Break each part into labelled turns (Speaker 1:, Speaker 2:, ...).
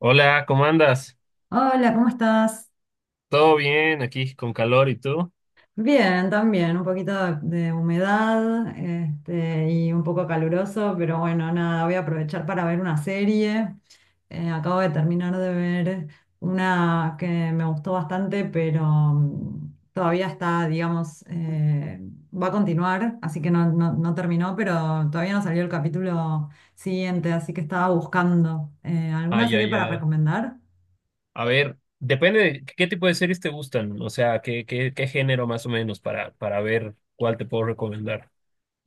Speaker 1: Hola, ¿cómo andas?
Speaker 2: Hola, ¿cómo estás?
Speaker 1: ¿Todo bien aquí con calor y tú?
Speaker 2: Bien, también, un poquito de humedad, y un poco caluroso, pero bueno, nada, voy a aprovechar para ver una serie. Acabo de terminar de ver una que me gustó bastante, pero todavía está, digamos, va a continuar, así que no terminó, pero todavía no salió el capítulo siguiente, así que estaba buscando. ¿Alguna
Speaker 1: Ay,
Speaker 2: serie
Speaker 1: ay,
Speaker 2: para
Speaker 1: ay.
Speaker 2: recomendar?
Speaker 1: A ver, depende de qué tipo de series te gustan, o sea, qué género más o menos para ver cuál te puedo recomendar.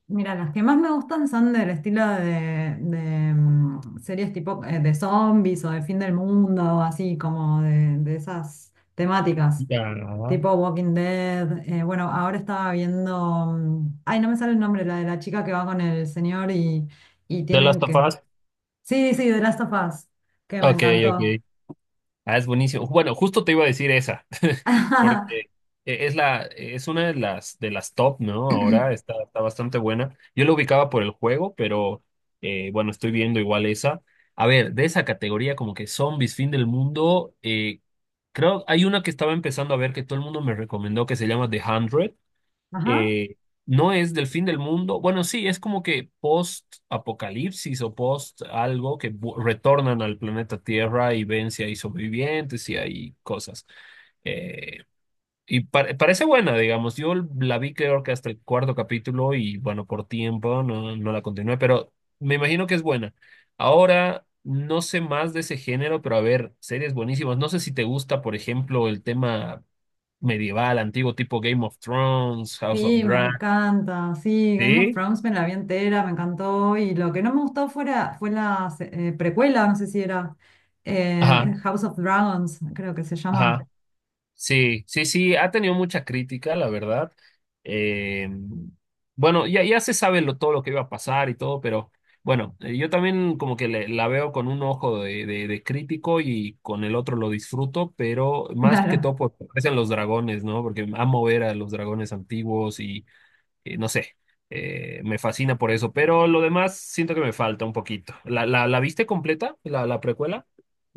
Speaker 2: Mira, las que más me gustan son del estilo de series tipo de zombies o de fin del mundo, así como de esas temáticas,
Speaker 1: Ya.
Speaker 2: tipo Walking Dead. Bueno, ahora estaba viendo, ay, no me sale el nombre, la de la chica que va con el señor y
Speaker 1: The Last
Speaker 2: tienen
Speaker 1: of
Speaker 2: que...
Speaker 1: Us.
Speaker 2: Sí, sí, The Last of Us, que me
Speaker 1: Ok,
Speaker 2: encantó.
Speaker 1: ok. Ah, es buenísimo. Bueno, justo te iba a decir esa, porque es la, es una de las top, ¿no? Ahora está, está bastante buena. Yo la ubicaba por el juego, pero bueno, estoy viendo igual esa. A ver, de esa categoría como que zombies, fin del mundo, creo hay una que estaba empezando a ver que todo el mundo me recomendó que se llama The 100.
Speaker 2: Ajá.
Speaker 1: eh, no es del fin del mundo. Bueno, sí, es como que post-apocalipsis o post algo que retornan al planeta Tierra y ven si hay sobrevivientes y hay cosas. Eh, y parece buena, digamos. Yo la vi creo que hasta el cuarto capítulo y bueno, por tiempo no, no la continué, pero me imagino que es buena. Ahora, no sé más de ese género, pero a ver, series buenísimas. No sé si te gusta, por ejemplo, el tema medieval, antiguo, tipo Game of Thrones, House of
Speaker 2: Sí, me
Speaker 1: Dragons.
Speaker 2: encanta. Sí, Game of
Speaker 1: Sí,
Speaker 2: Thrones me la vi entera, me encantó. Y lo que no me gustó fuera, fue la precuela, no sé si era
Speaker 1: ajá,
Speaker 2: House of Dragons, creo que se llama.
Speaker 1: ajá. Sí, sí, sí, ha tenido mucha crítica, la verdad. Eh, bueno, ya, ya se sabe lo, todo lo que iba a pasar y todo, pero bueno, yo también como que la veo con un ojo de, de crítico y con el otro lo disfruto, pero más que
Speaker 2: Claro.
Speaker 1: todo porque aparecen los dragones, ¿no? Porque amo ver a los dragones antiguos y no sé, me fascina por eso, pero lo demás siento que me falta un poquito. ¿La viste completa, la precuela?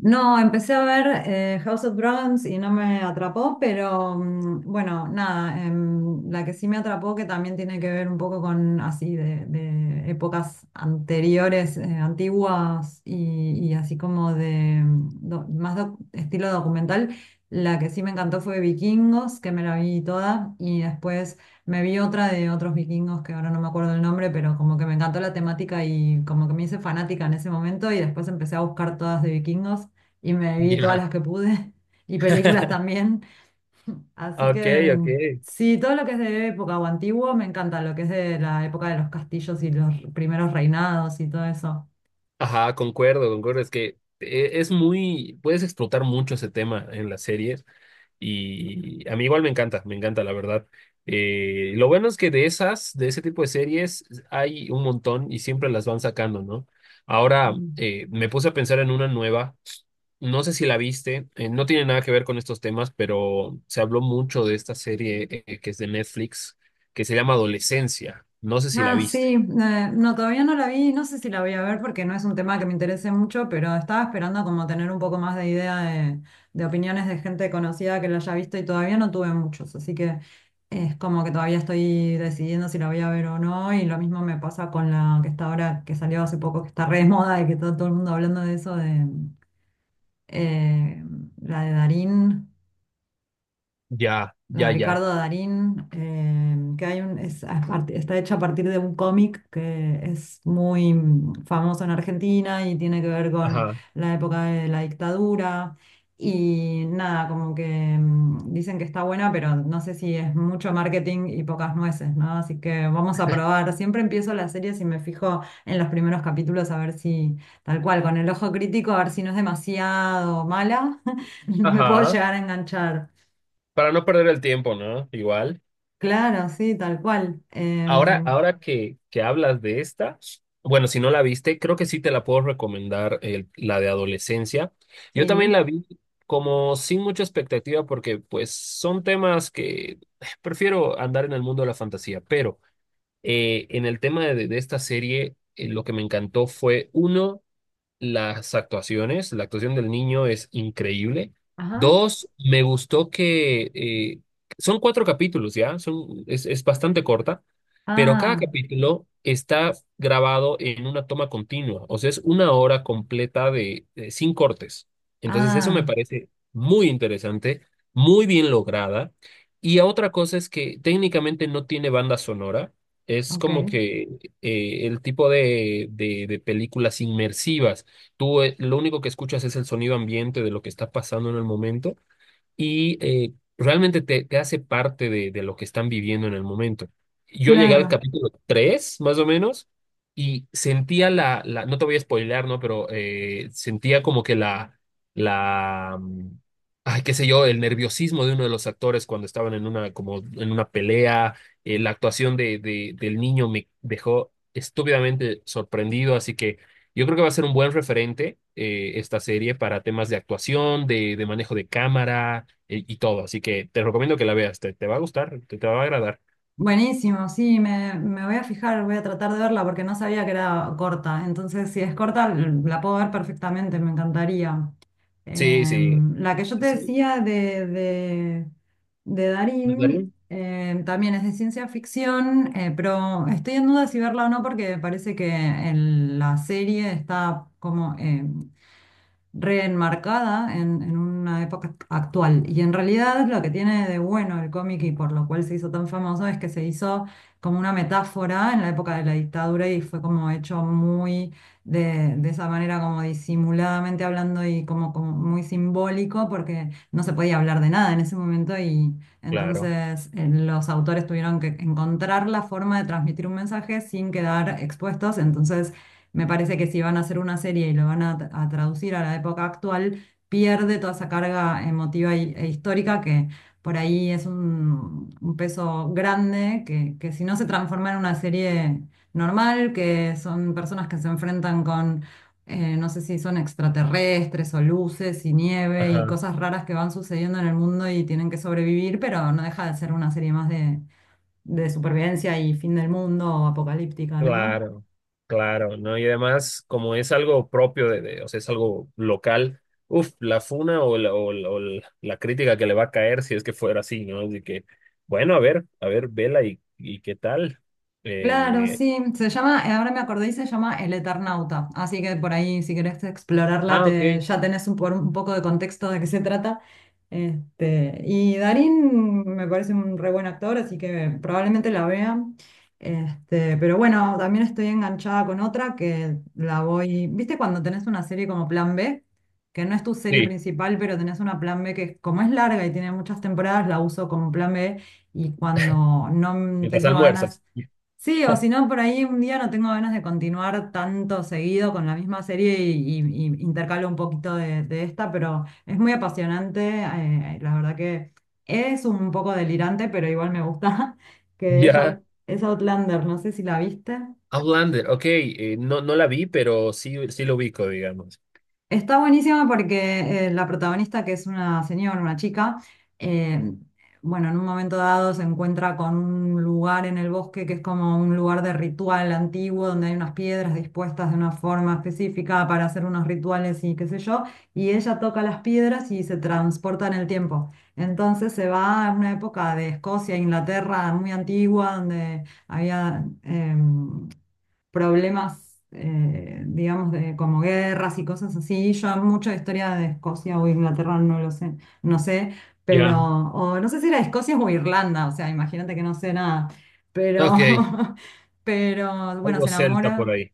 Speaker 2: No, empecé a ver House of Dragons y no me atrapó, pero bueno, nada, la que sí me atrapó, que también tiene que ver un poco con así de épocas anteriores, antiguas y así como de más estilo documental, la que sí me encantó fue Vikingos, que me la vi toda, y después me vi otra de otros vikingos que ahora no me acuerdo el nombre, pero como que me encantó la temática y como que me hice fanática en ese momento y después empecé a buscar todas de vikingos y me vi todas
Speaker 1: Ya.
Speaker 2: las que pude y películas también. Así
Speaker 1: Ok,
Speaker 2: que
Speaker 1: ok.
Speaker 2: sí, todo lo que es de época o antiguo me encanta, lo que es de la época de los castillos y los primeros reinados y todo eso.
Speaker 1: Ajá, concuerdo, concuerdo. Es que es muy, puedes explotar mucho ese tema en las series y a mí igual me encanta, la verdad. Lo bueno es que de esas, de ese tipo de series hay un montón y siempre las van sacando, ¿no? Ahora me puse a pensar en una nueva, no sé si la viste, no tiene nada que ver con estos temas, pero se habló mucho de esta serie que es de Netflix, que se llama Adolescencia. No sé si la
Speaker 2: Ah,
Speaker 1: viste.
Speaker 2: sí, no, todavía no la vi, no sé si la voy a ver porque no es un tema que me interese mucho, pero estaba esperando como tener un poco más de idea de opiniones de gente conocida que la haya visto y todavía no tuve muchos, así que es como que todavía estoy decidiendo si la voy a ver o no y lo mismo me pasa con la que está ahora, que salió hace poco, que está re de moda y que está todo el mundo hablando de eso, de eh, la de Darín,
Speaker 1: Ya,
Speaker 2: la
Speaker 1: ya, ya.
Speaker 2: Ricardo Darín, que hay un, es está hecha a partir de un cómic que es muy famoso en Argentina y tiene que ver con
Speaker 1: Ajá.
Speaker 2: la época de la dictadura. Y nada, como que dicen que está buena, pero no sé si es mucho marketing y pocas nueces, ¿no? Así que vamos a probar. Siempre empiezo las series y me fijo en los primeros capítulos a ver si, tal cual, con el ojo crítico, a ver si no es demasiado mala, me puedo
Speaker 1: Ajá.
Speaker 2: llegar a enganchar.
Speaker 1: Para no perder el tiempo, ¿no? Igual.
Speaker 2: Claro, sí, tal cual.
Speaker 1: Ahora,
Speaker 2: Em,
Speaker 1: ahora que hablas de esta, bueno, si no la viste, creo que sí te la puedo recomendar, la de adolescencia. Yo también
Speaker 2: sí.
Speaker 1: la vi como sin mucha expectativa porque pues son temas que prefiero andar en el mundo de la fantasía, pero en el tema de esta serie, lo que me encantó fue, uno, las actuaciones, la actuación del niño es increíble.
Speaker 2: Ajá.
Speaker 1: Dos, me gustó que son cuatro capítulos, ¿ya? Son, es bastante corta, pero cada
Speaker 2: Ah,
Speaker 1: capítulo está grabado en una toma continua, o sea, es una hora completa de, sin cortes. Entonces, eso me
Speaker 2: ah,
Speaker 1: parece muy interesante, muy bien lograda. Y otra cosa es que técnicamente no tiene banda sonora. Es
Speaker 2: ok.
Speaker 1: como que el tipo de películas inmersivas. Tú lo único que escuchas es el sonido ambiente de lo que está pasando en el momento y realmente te, te hace parte de lo que están viviendo en el momento. Yo llegué al
Speaker 2: Claro.
Speaker 1: capítulo 3 más o menos, y sentía la, no te voy a spoilear, ¿no? Pero sentía como que la, ay, qué sé yo, el nerviosismo de uno de los actores cuando estaban en una, como en una pelea, la actuación de, del niño me dejó estúpidamente sorprendido, así que. Yo creo que va a ser un buen referente esta serie para temas de actuación, de manejo de cámara, y todo. Así que te recomiendo que la veas, te va a gustar, te va a agradar.
Speaker 2: Buenísimo, sí, me voy a fijar, voy a tratar de verla porque no sabía que era corta. Entonces, si es corta, la puedo ver perfectamente, me encantaría.
Speaker 1: Sí, sí.
Speaker 2: Em, la que yo te
Speaker 1: Es un.
Speaker 2: decía de Darín
Speaker 1: ¿Darín?
Speaker 2: También es de ciencia ficción, pero estoy en duda si verla o no porque me parece que la serie está como reenmarcada en una época actual. Y en realidad lo que tiene de bueno el cómic y por lo cual se hizo tan famoso es que se hizo como una metáfora en la época de la dictadura y fue como hecho muy de esa manera como disimuladamente hablando y como, como muy simbólico porque no se podía hablar de nada en ese momento y
Speaker 1: Claro,
Speaker 2: entonces, los autores tuvieron que encontrar la forma de transmitir un mensaje sin quedar expuestos. Entonces, me parece que si van a hacer una serie y lo van a, traducir a la época actual, pierde toda esa carga emotiva y- e histórica que por ahí es un peso grande que si no se transforma en una serie normal, que son personas que se enfrentan con no sé si son extraterrestres o luces y nieve y
Speaker 1: ajá,
Speaker 2: cosas raras que van sucediendo en el mundo y tienen que sobrevivir, pero no deja de ser una serie más de supervivencia y fin del mundo o apocalíptica, ¿no?
Speaker 1: claro, claro, ¿no? Y además, como es algo propio de, o sea, es algo local, uff la funa o la, o la, o la crítica que le va a caer si es que fuera así, ¿no? Así que, bueno, a ver, vela y qué tal.
Speaker 2: Claro,
Speaker 1: Eh,
Speaker 2: sí, se llama, ahora me acordé y se llama El Eternauta, así que por ahí si querés explorarla
Speaker 1: ah, ok,
Speaker 2: te, ya tenés un, un poco de contexto de qué se trata. Este, y Darín me parece un re buen actor, así que probablemente la vea. Este, pero bueno, también estoy enganchada con otra que la voy, ¿viste cuando tenés una serie como Plan B? Que no es tu serie
Speaker 1: sí,
Speaker 2: principal, pero tenés una Plan B que como es larga y tiene muchas temporadas, la uso como Plan B y cuando no
Speaker 1: mientras
Speaker 2: tengo ganas.
Speaker 1: almuerzas.
Speaker 2: Sí, o si no, por ahí un día no tengo ganas de continuar tanto seguido con la misma serie y, y intercalo un poquito de esta, pero es muy apasionante, la verdad que es un poco delirante, pero igual me gusta, que es,
Speaker 1: Ya,
Speaker 2: Es Outlander, no sé si la viste.
Speaker 1: Outlander, ok, no, no la vi, pero sí, sí lo ubico, digamos.
Speaker 2: Está buenísima porque la protagonista, que es una señora, una chica, eh, bueno, en un momento dado se encuentra con un lugar en el bosque que es como un lugar de ritual antiguo, donde hay unas piedras dispuestas de una forma específica para hacer unos rituales y qué sé yo, y ella toca las piedras y se transporta en el tiempo. Entonces se va a una época de Escocia, Inglaterra, muy antigua, donde había... problemas, digamos, de, como guerras y cosas así. Yo mucho de historia de Escocia o Inglaterra no lo sé, no sé, pero,
Speaker 1: Ya,
Speaker 2: o no sé si era Escocia o Irlanda, o sea, imagínate que no sé nada, pero,
Speaker 1: ok,
Speaker 2: pero bueno,
Speaker 1: algo
Speaker 2: se
Speaker 1: celta por
Speaker 2: enamora.
Speaker 1: ahí,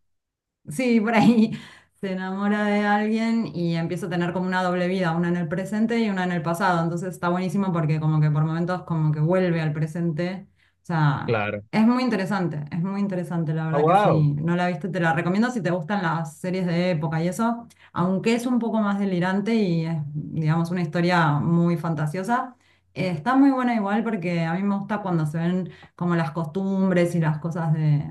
Speaker 2: Sí, por ahí se enamora de alguien y empieza a tener como una doble vida, una en el presente y una en el pasado. Entonces está buenísimo porque como que por momentos como que vuelve al presente. O sea,
Speaker 1: claro.
Speaker 2: es muy interesante, la
Speaker 1: Ah,
Speaker 2: verdad que
Speaker 1: wow,
Speaker 2: si no la viste te la recomiendo si te gustan las series de época y eso, aunque es un poco más delirante y es, digamos, una historia muy fantasiosa. Está muy buena igual porque a mí me gusta cuando se ven como las costumbres y las cosas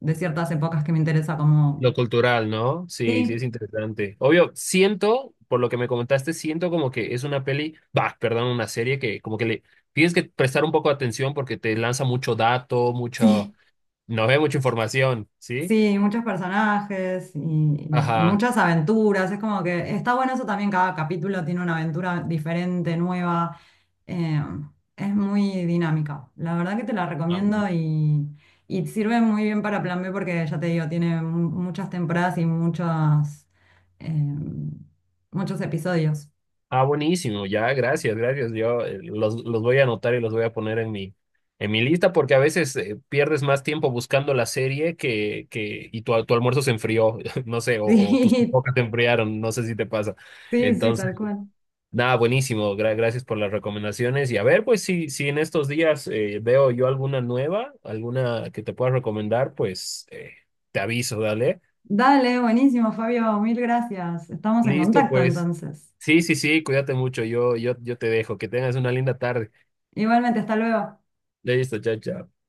Speaker 2: de ciertas épocas que me interesa como
Speaker 1: lo cultural, ¿no? Sí, sí, es
Speaker 2: sí,
Speaker 1: interesante. Obvio, siento, por lo que me comentaste, siento como que es una peli, bah, perdón, una serie que como que le tienes que prestar un poco de atención porque te lanza mucho dato, mucho,
Speaker 2: sí,
Speaker 1: no ve mucha información, ¿sí?
Speaker 2: sí, muchos personajes y,
Speaker 1: Ajá.
Speaker 2: muchas aventuras. Es como que está bueno eso también, cada capítulo tiene una aventura diferente, nueva. eh, es muy dinámica. La verdad que te la recomiendo y sirve muy bien para Plan B porque ya te digo, tiene muchas temporadas y muchos, muchos episodios.
Speaker 1: Ah, buenísimo, ya, gracias, gracias. Yo los voy a anotar y los voy a poner en mi lista porque a veces pierdes más tiempo buscando la serie que y tu almuerzo se enfrió, no sé, o tus pipocas se enfriaron, no sé si te pasa.
Speaker 2: Sí, sí, sí,
Speaker 1: Entonces,
Speaker 2: tal cual.
Speaker 1: nada, buenísimo, gracias por las recomendaciones. Y a ver, pues si, si en estos días veo yo alguna nueva, alguna que te pueda recomendar, pues te aviso, dale.
Speaker 2: Dale, buenísimo, Fabio, mil gracias. Estamos en
Speaker 1: Listo,
Speaker 2: contacto
Speaker 1: pues.
Speaker 2: entonces.
Speaker 1: Sí, sí, sí, cuídate mucho, yo te dejo, que tengas una linda tarde.
Speaker 2: Igualmente, hasta luego.
Speaker 1: Leíste, chao, chao.